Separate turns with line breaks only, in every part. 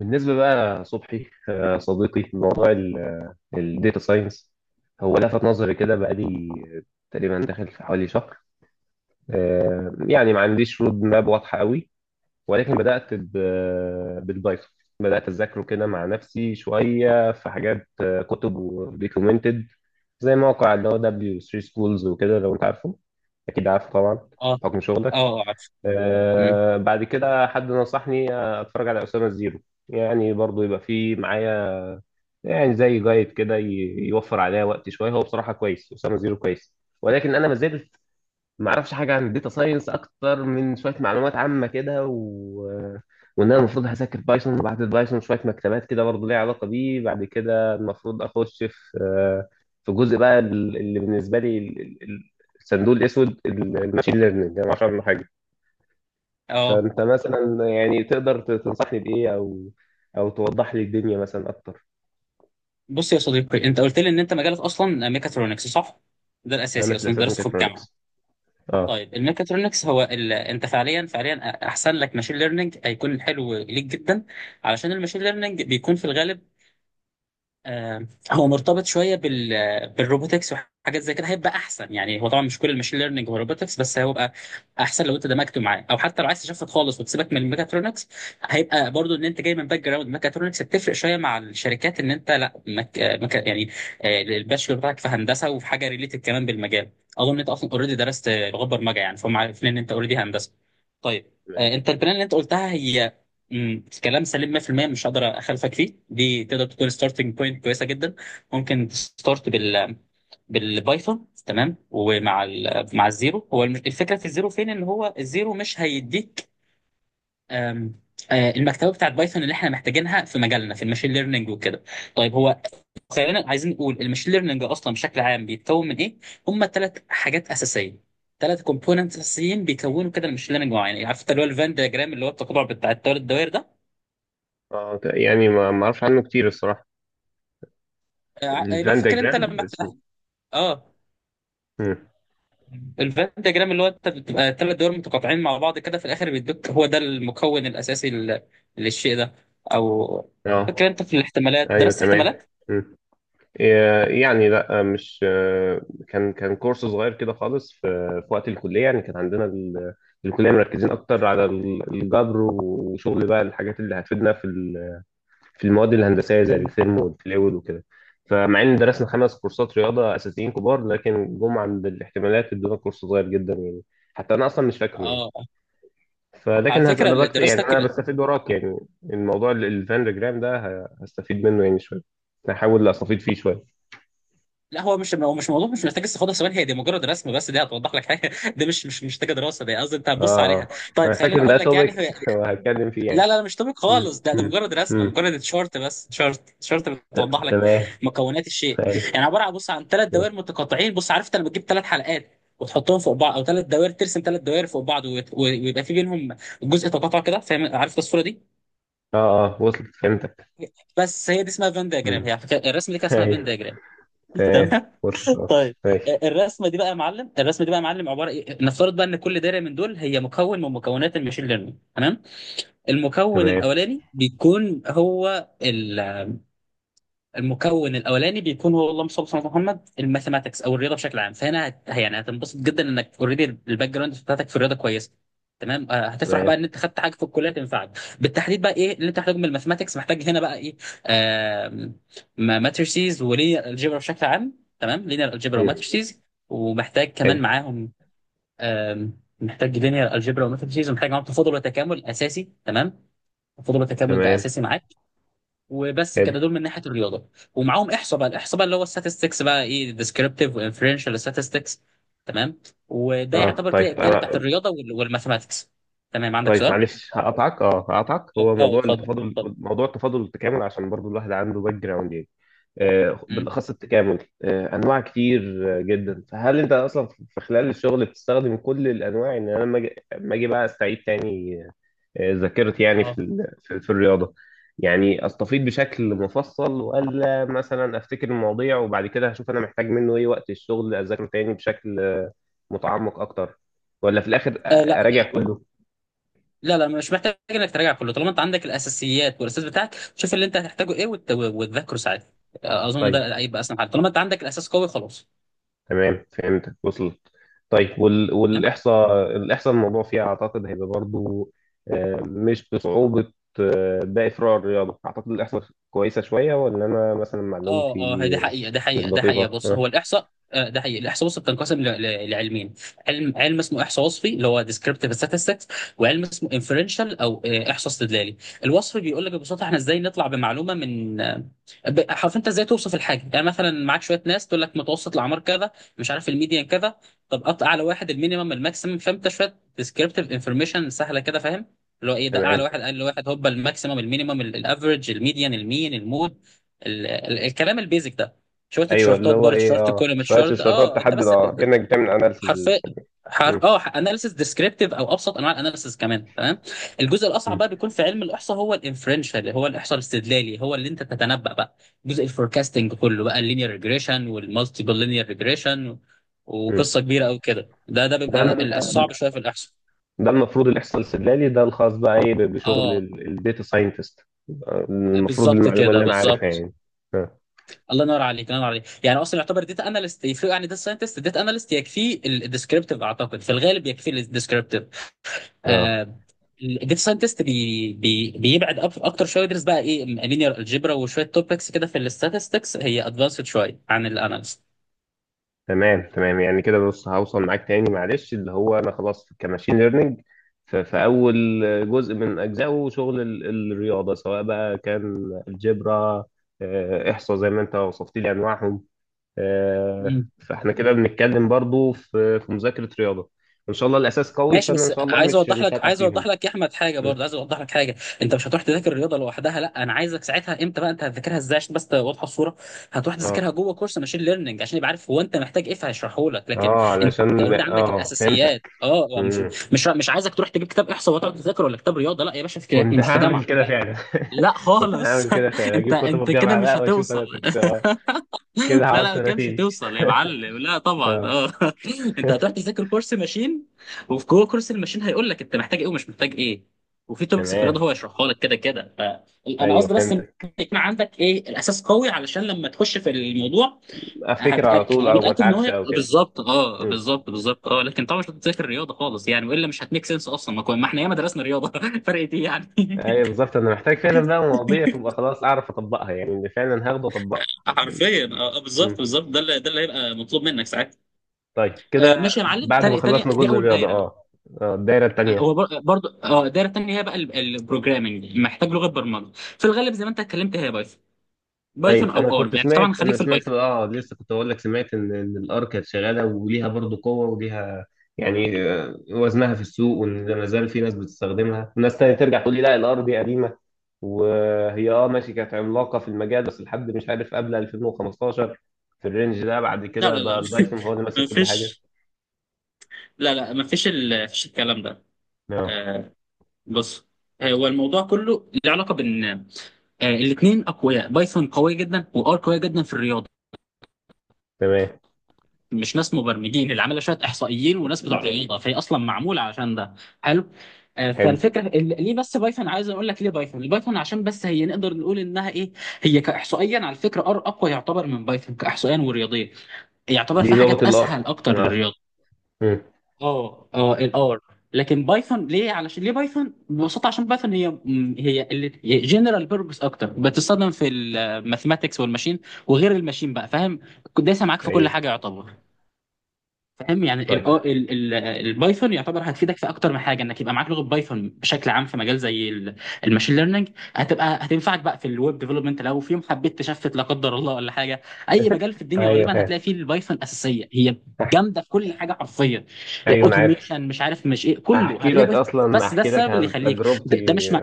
بالنسبة بقى صبحي، صديقي موضوع الداتا ساينس هو لفت نظري كده بقالي تقريبا داخل في حوالي شهر. يعني ما عنديش رود ماب واضحة قوي، ولكن بدأت بالبايثون. بدأت أذاكره كده مع نفسي شوية في حاجات، كتب ودوكيومنتد، زي موقع اللي هو دبليو 3 سكولز وكده، لو أنت عارفه. أكيد عارفه طبعا
اه
بحكم شغلك.
اه عارف مم.
بعد كده حد نصحني اتفرج على اسامه الزيرو. يعني برضو يبقى في معايا، يعني زي جايد كده، يوفر عليا وقت شويه. هو بصراحه كويس، اسامه زيرو كويس. ولكن انا ما زلت ما اعرفش حاجه عن الداتا ساينس اكتر من شويه معلومات عامه كده وان انا المفروض هذاكر بايثون، وبعد البايثون شويه مكتبات كده برضو ليها علاقه بيه، بعد كده المفروض اخش في جزء بقى اللي بالنسبه لي الصندوق الاسود، الماشين ليرنينج انا ما اعرفش عنه حاجه.
اه
فانت مثلا يعني تقدر تنصحني بايه، او توضح لي الدنيا مثلا اكتر؟
بص يا صديقي، انت قلت لي ان انت مجالك اصلا ميكاترونكس صح؟ ده
انا
الاساسي
في
اصلا
الاساس
درسته في الجامعه.
ميكاترونكس. اه
طيب الميكاترونكس هو انت فعليا فعليا احسن لك ماشين ليرنينج هيكون حلو ليك جدا، علشان الماشين ليرنينج بيكون في الغالب آه، هو مرتبط شويه بالروبوتكس وحاجات زي كده هيبقى احسن. يعني هو طبعا مش كل الماشين ليرنينج هو روبوتكس، بس هيبقى احسن لو انت دمجته معاه، او حتى لو عايز تشفت خالص وتسيبك من الميكاترونكس هيبقى برضو ان انت جاي من باك جراوند ميكاترونكس بتفرق شويه مع الشركات ان انت لا يعني الباشلور بتاعك في هندسه وفي حاجه ريليتد كمان بالمجال. اظن ان انت اصلا اوريدي درست لغه برمجه، يعني فهم عارفين ان انت اوريدي هندسه. طيب
تمام.
انت البلان اللي انت قلتها هي كلام سليم 100%، مش هقدر اخالفك فيه، دي تقدر تكون ستارتنج بوينت كويسه جدا. ممكن تستارت بالبايثون تمام، ومع ال مع الزيرو هو الفكره في الزيرو فين، ان هو الزيرو مش هيديك آم، آه، المكتبه بتاعت بايثون اللي احنا محتاجينها في مجالنا في الماشين ليرنينج وكده. طيب هو، خلينا عايزين نقول الماشين ليرنينج اصلا بشكل عام بيتكون من ايه؟ هم ثلاث حاجات اساسيه، ثلاث كومبوننتس اساسيين بيكونوا كده الماشين ليرنينج معين. عارف انت اللي هو الفان دياجرام، اللي هو التقاطع بتاع الثلاث دوائر ده؟
اه يعني ما اعرفش عنه كتير الصراحه.
لو
الفان
فاكر انت
دياجرام
لما
الرسوم.
اه
مم.
الفان دياجرام اللي هو انت بتبقى ثلاث دول متقاطعين مع بعض كده في الاخر بيدوك هو ده المكون الاساسي للشيء ده. او فاكر
اه
انت في الاحتمالات،
ايوه
درست
تمام.
احتمالات؟
مم. إيه، يعني لا، مش كان كورس صغير كده خالص في وقت الكليه. يعني كان عندنا الكليه مركزين اكتر على الجبر، وشغل بقى الحاجات اللي هتفيدنا في في المواد الهندسيه زي
مم.
الفيلم والفلويد وكده. فمع ان درسنا خمس كورسات رياضه اساسيين كبار، لكن جم عند الاحتمالات ادونا كورس صغير جدا يعني، حتى انا اصلا مش فاكره يعني.
اه على
فلكن هز
فكره
انا بكت يعني،
دراستك
انا بستفيد وراك، يعني الموضوع الفاندجرام ده هستفيد منه يعني شويه، هحاول استفيد فيه شويه.
لا، هو مش، هو مش موضوع، مش محتاج استفاضه، ثواني هي دي مجرد رسم بس دي هتوضح لك حاجه دي مش مش مش محتاجه دراسه، دي قصدي انت
اه.
هتبص عليها. طيب
انا
خليني
فاكر ان ده
اقول لك يعني،
توبيك وهتكلم فيه
لا
يعني.
لا لا، مش طبيب
مم.
خالص، ده ده
مم.
مجرد رسمه،
مم.
مجرد شارت بس، شارت شارت
ت-
بتوضح لك
تمام.
مكونات الشيء،
ايوه
يعني عباره عن، بص، عن ثلاث دوائر متقاطعين. بص عرفت لما تجيب ثلاث حلقات وتحطهم فوق بعض، او ثلاث دوائر ترسم ثلاث دوائر فوق بعض، ويبقى في بينهم جزء تقاطع كده، فاهم؟ عرفت الصوره دي.
اه اه وصلت فهمتك.
بس هي دي اسمها فين دياجرام، هي
مم.
على فكرة الرسمه دي كان اسمها فين
ايوه
دياجرام.
تمام
تمام.
وصلت اه
طيب
ماشي.
الرسمه دي بقى يا معلم، الرسمه دي بقى يا معلم عباره إيه؟ نفترض بقى ان كل دايره من دول هي مكون من مكونات المشين ليرنينج تمام. المكون
تمام
الاولاني بيكون هو، المكون الاولاني بيكون هو، اللهم صل على محمد، الماثيماتكس او الرياضه بشكل عام. فهنا يعني هتنبسط جدا انك اوريدي الباك جراوند بتاعتك في الرياضه كويسه تمام. هتفرح بقى
تمام.
ان انت خدت حاجه في الكليه تنفعك. بالتحديد بقى ايه اللي انت محتاجه من الماثيماتكس؟ محتاج هنا بقى ايه، ماتريسيز ولينير الجبر بشكل عام، تمام، لينير الجبر
مم.
وماتريسيز، ومحتاج
حلو.
كمان معاهم، محتاج لينير الجبر وماتريسيز ومحتاج معاهم تفاضل وتكامل اساسي، تمام. تفاضل وتكامل ده
تمام.
اساسي معاك. وبس
حلو.
كده دول من ناحيه الرياضه، ومعاهم احصاء بقى، الاحصاء بقى اللي هو الستاتستكس بقى ايه، ديسكريبتيف وانفرنشال statistics تمام. وده
اه
يعتبر
طيب
كده الدايره بتاعت الرياضه والماثماتكس. تمام، عندك
طيب
سؤال؟
معلش هقطعك. هو
اه
موضوع
اتفضل،
التفاضل
اتفضل.
موضوع التفاضل والتكامل، عشان برضو الواحد عنده باك جراوند يعني.
مم.
بالاخص التكامل. انواع كتير، جدا. فهل انت اصلا في خلال الشغل بتستخدم كل الانواع، ان انا لما أجي بقى استعيد تاني ذاكرتي، يعني في
اه
ال... في في الرياضه؟ يعني استفيض بشكل مفصل، ولا مثلا افتكر المواضيع وبعد كده هشوف انا محتاج منه ايه وقت الشغل اذاكره تاني بشكل متعمق اكتر، ولا في الاخر
لا،
اراجع كله؟
لا لا، مش محتاج انك تراجع كله، طالما انت عندك الاساسيات والاساس بتاعك شوف اللي انت هتحتاجه ايه وتذاكره ساعتها. اظن
طيب
ده هيبقى اسهل حاجه طالما انت عندك الاساس قوي، خلاص.
تمام فهمت وصلت. طيب والاحصاء الموضوع فيها اعتقد هيبقى برضو مش بصعوبه باقي فروع الرياضه. اعتقد الاحصاء كويسه شويه، ولا انا مثلا
اه اه هي
معلومتي
دي حقيقة، ده
مش
حقيقة، ده
دقيقه
حقيقة. بص، هو
آه،
الإحصاء ده حقيقي الإحصاء وصفي، بتنقسم لعلمين: علم، علم اسمه إحصاء وصفي اللي هو descriptive statistics، وعلم اسمه inferential أو إحصاء استدلالي. الوصفي بيقول لك ببساطة احنا إزاي نطلع بمعلومة من حرف، أنت إزاي توصف الحاجة، يعني مثلا معاك شوية ناس تقول لك متوسط الأعمار كذا، مش عارف الميديان كذا، طب قط أعلى واحد، المينيمم، الماكسيمم، فأنت شوية descriptive information سهلة كده، فاهم؟ اللي هو ايه، ده اعلى
تمام.
واحد اقل واحد، هوبا الماكسيمم المينيمم الافرج الميديان المين المود، الكلام البيزك ده، شويه
ايوه اللي
تيشيرتات،
هو
بار
ايه،
تيشيرت،
اه
كولوم
شويه
تيشيرت،
شرطات
اه انت
تحدد،
بس
اه كانك بتعمل اناليسز.
حرفيا، اه اناليسيس ديسكريبتيف، او ابسط انواع الاناليسيس كمان تمام. الجزء الاصعب بقى بيكون في علم الاحصاء هو الانفرنشال، هو الاحصاء الاستدلالي، هو اللي انت تتنبأ بقى، جزء الفوركاستنج كله بقى، اللينير ريجريشن والمالتيبل لينير ريجريشن، وقصه كبيره قوي كده، ده ده
ده
بيبقى الصعب
أنا-
شويه في الاحصاء.
ده المفروض اللي يحصل سلالي، ده الخاص بقى ايه بشغل
اه
الداتا ساينتست، المفروض
بالظبط
المعلومه
كده،
اللي انا عارفها
بالظبط.
يعني. اه
الله ينور عليك، الله ينور عليك. يعني اصلا يعتبر داتا اناليست يفرق عن داتا ساينتست، داتا اناليست يكفيه الديسكريبتيف، اعتقد في الغالب يكفيه الديسكريبتيف.
آه.
آه الداتا ساينتست بي بيبعد اكتر شويه، يدرس بقى ايه، لينير الجبرا وشويه توبكس كده في الاستاتستكس، هي ادفانسد شويه عن الاناليست.
تمام تمام. يعني كده بص هوصل معاك تاني معلش، اللي هو انا خلاص كماشين ليرنينج، في اول جزء من اجزائه شغل الرياضه، سواء بقى كان الجبرا، احصاء زي ما انت وصفت لي انواعهم. آه، فاحنا كده بنتكلم برضو في مذاكره رياضه، ان شاء الله الاساس قوي،
ماشي،
فانا ان
بس
شاء الله
عايز
مش
اوضح
مش
لك،
هقع
عايز اوضح
فيهم.
لك يا احمد حاجه،
م.
برضه عايز اوضح لك حاجه. انت مش هتروح تذاكر الرياضه لوحدها، لا، انا عايزك ساعتها امتى بقى انت هتذاكرها ازاي عشان بس تبقى واضحه الصوره. هتروح تذاكرها
اه
جوه كورس ماشين ليرنينج، عشان يبقى عارف هو انت محتاج ايه فهيشرحه لك. لكن
اه
انت
علشان
اوريدي عندك
اه فهمتك.
الاساسيات اه، مش،
مم.
مش، مش عايزك تروح تجيب كتاب احصاء وتقعد تذاكر، ولا كتاب رياضه، لا يا باشا فكرة، احنا
كنت
مش في
هعمل
جامعه.
كده فعلا.
لا
كنت
خالص
هعمل كده فعلا،
انت
اجيب كتب
انت كده
الجامعه
مش
بقى واشوف
هتوصل
انا كنت كده
لا
هقعد
لا كده مش
سنتين.
هتوصل يا معلم، لا طبعا
اه
اه. انت هتروح تذاكر كورس ماشين، وفي جوه كورس الماشين هيقول لك انت محتاج ايه ومش محتاج ايه، وفي توبكس في الرياضه
تمام
هو يشرحها لك كده كده. فانا
ايوه
قصدي بس ان
فهمتك.
يكون عندك ايه، الاساس قوي، علشان لما تخش في الموضوع،
افتكر على طول
انا
او ما
متاكد ان هو
اتعبش
هيبقى
او كده.
بالظبط، اه
مم.
بالظبط بالظبط اه. لكن طبعا مش هتذاكر رياضه خالص يعني، والا مش هتميك سنس اصلا، ما احنا ياما درسنا رياضه فرق ايه يعني
ايوه بالظبط، انا محتاج فعلا بقى مواضيع تبقى خلاص اعرف اطبقها، يعني اللي فعلا هاخده اطبقها.
حرفيا اه بالظبط
مم.
بالظبط، ده اللي، ده اللي هيبقى مطلوب منك ساعتها.
طيب كده.
ماشي يا معلم،
بعد ما
تاني تاني
خلصنا
دي
جزء
اول
الرياضه
دايره.
اه الدايره التانيه.
هو برضو اه الدايره الثانيه هي بقى البروجرامنج، محتاج لغه برمجه في الغالب زي ما انت اتكلمت هي بايثون، بايثون
طيب انا
او ار
كنت
يعني، طبعا
سمعت
خليك
انا
في
سمعت
البايثون.
لسه كنت اقول لك سمعت ان الار كانت شغاله وليها برضو قوه وليها يعني وزنها في السوق، وان ما زال في ناس بتستخدمها وناس تانية ترجع تقول لي لا الار دي قديمه. وهي اه ماشي كانت عملاقه في المجال، بس لحد مش عارف قبل 2015، في الرينج ده بعد
لا
كده
لا لا
بقى البايثون هو اللي ماسك
ما
كل حاجه.
فيش، لا لا ما فيش فيش الكلام ده.
اه
آه بص، هو الموضوع كله له علاقه بان الاثنين اقوياء، بايثون قويه جدا وار قويه جدا في الرياضه.
تمام.
مش ناس مبرمجين اللي عاملها، شويه احصائيين وناس بتوع رياضه، فهي اصلا معموله عشان ده، حلو.
حلو.
فالفكره ليه بس بايثون، عايز اقول لك ليه بايثون، البايثون عشان بس هي، نقدر نقول انها ايه، هي كاحصائيا على فكره ار اقوى يعتبر من بايثون كاحصائيا ورياضيا، يعتبر
دي
في
لغه
حاجات
الار.
اسهل اكتر
اه.
للرياضه.
مم.
اه اه الار. لكن بايثون ليه؟ علشان ليه بايثون ببساطه، عشان بايثون هي هي اللي جنرال بيربس اكتر، بتستخدم في الماثماتكس والماشين وغير الماشين بقى، فاهم؟ دايسه معاك في كل
ايوه.
حاجه يعتبر. فاهم يعني ال
طيب.
ال ال البايثون يعتبر هتفيدك في اكتر من حاجه، انك يبقى معاك لغه بايثون بشكل عام في مجال زي الماشين ليرنينج، هتبقى هتنفعك بقى في الويب ديفلوبمنت لو في يوم حبيت تشفت، لا قدر الله ولا حاجه. اي مجال في الدنيا
ايوه
غالبا
فاهم.
هتلاقي فيه البايثون اساسيه هي، جامده في كل حاجه حرفيا،
ايوه انا عارف.
اوتوميشن مش عارف مش ايه، كله
احكي
هتلاقي
لك
بايثون.
اصلا
بس ده
احكي لك
السبب اللي
عن
يخليك، ده, ده
تجربتي
مش مع...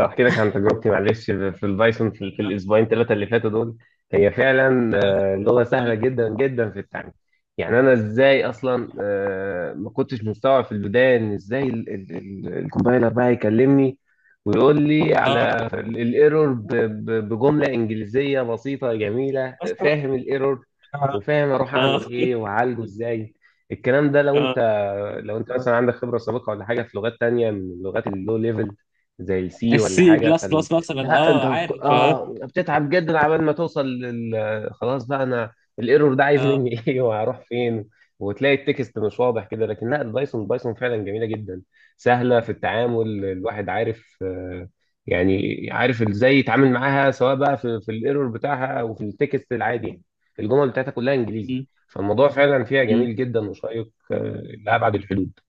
احكي لك عن تجربتي مع الريسك في البايثون في الاسبوعين ثلاثه اللي فاتوا دول. هي فعلا لغه سهله جدا جدا في التعلم. يعني انا ازاي اصلا ما كنتش مستوعب في البدايه ان ازاي الكومبايلر بقى يكلمني ويقول لي
اه
على الايرور بجمله انجليزيه بسيطه جميله، فاهم الايرور وفاهم اروح
اه
اعمل ايه واعالجه ازاي. الكلام ده لو انت
اه
لو انت مثلا عندك خبره سابقه ولا حاجه في لغات تانية من اللغات اللو ليفل زي السي ولا
السي
حاجه
بلس بلس مثلا
لا انت
اه عارف اه
بتتعب جدا عبال ما توصل خلاص بقى انا الايرور ده عايز
اه
مني ايه وهروح فين. وتلاقي التكست مش واضح كده. لكن لا، بايثون فعلا جميله جدا، سهله في التعامل. الواحد عارف يعني عارف ازاي يتعامل معاها، سواء بقى في الايرور بتاعها او في التكست العادي، يعني الجمل بتاعتها كلها انجليزي.
م-
فالموضوع فعلا فيها
م.
جميل جدا وشيق لابعد الحدود.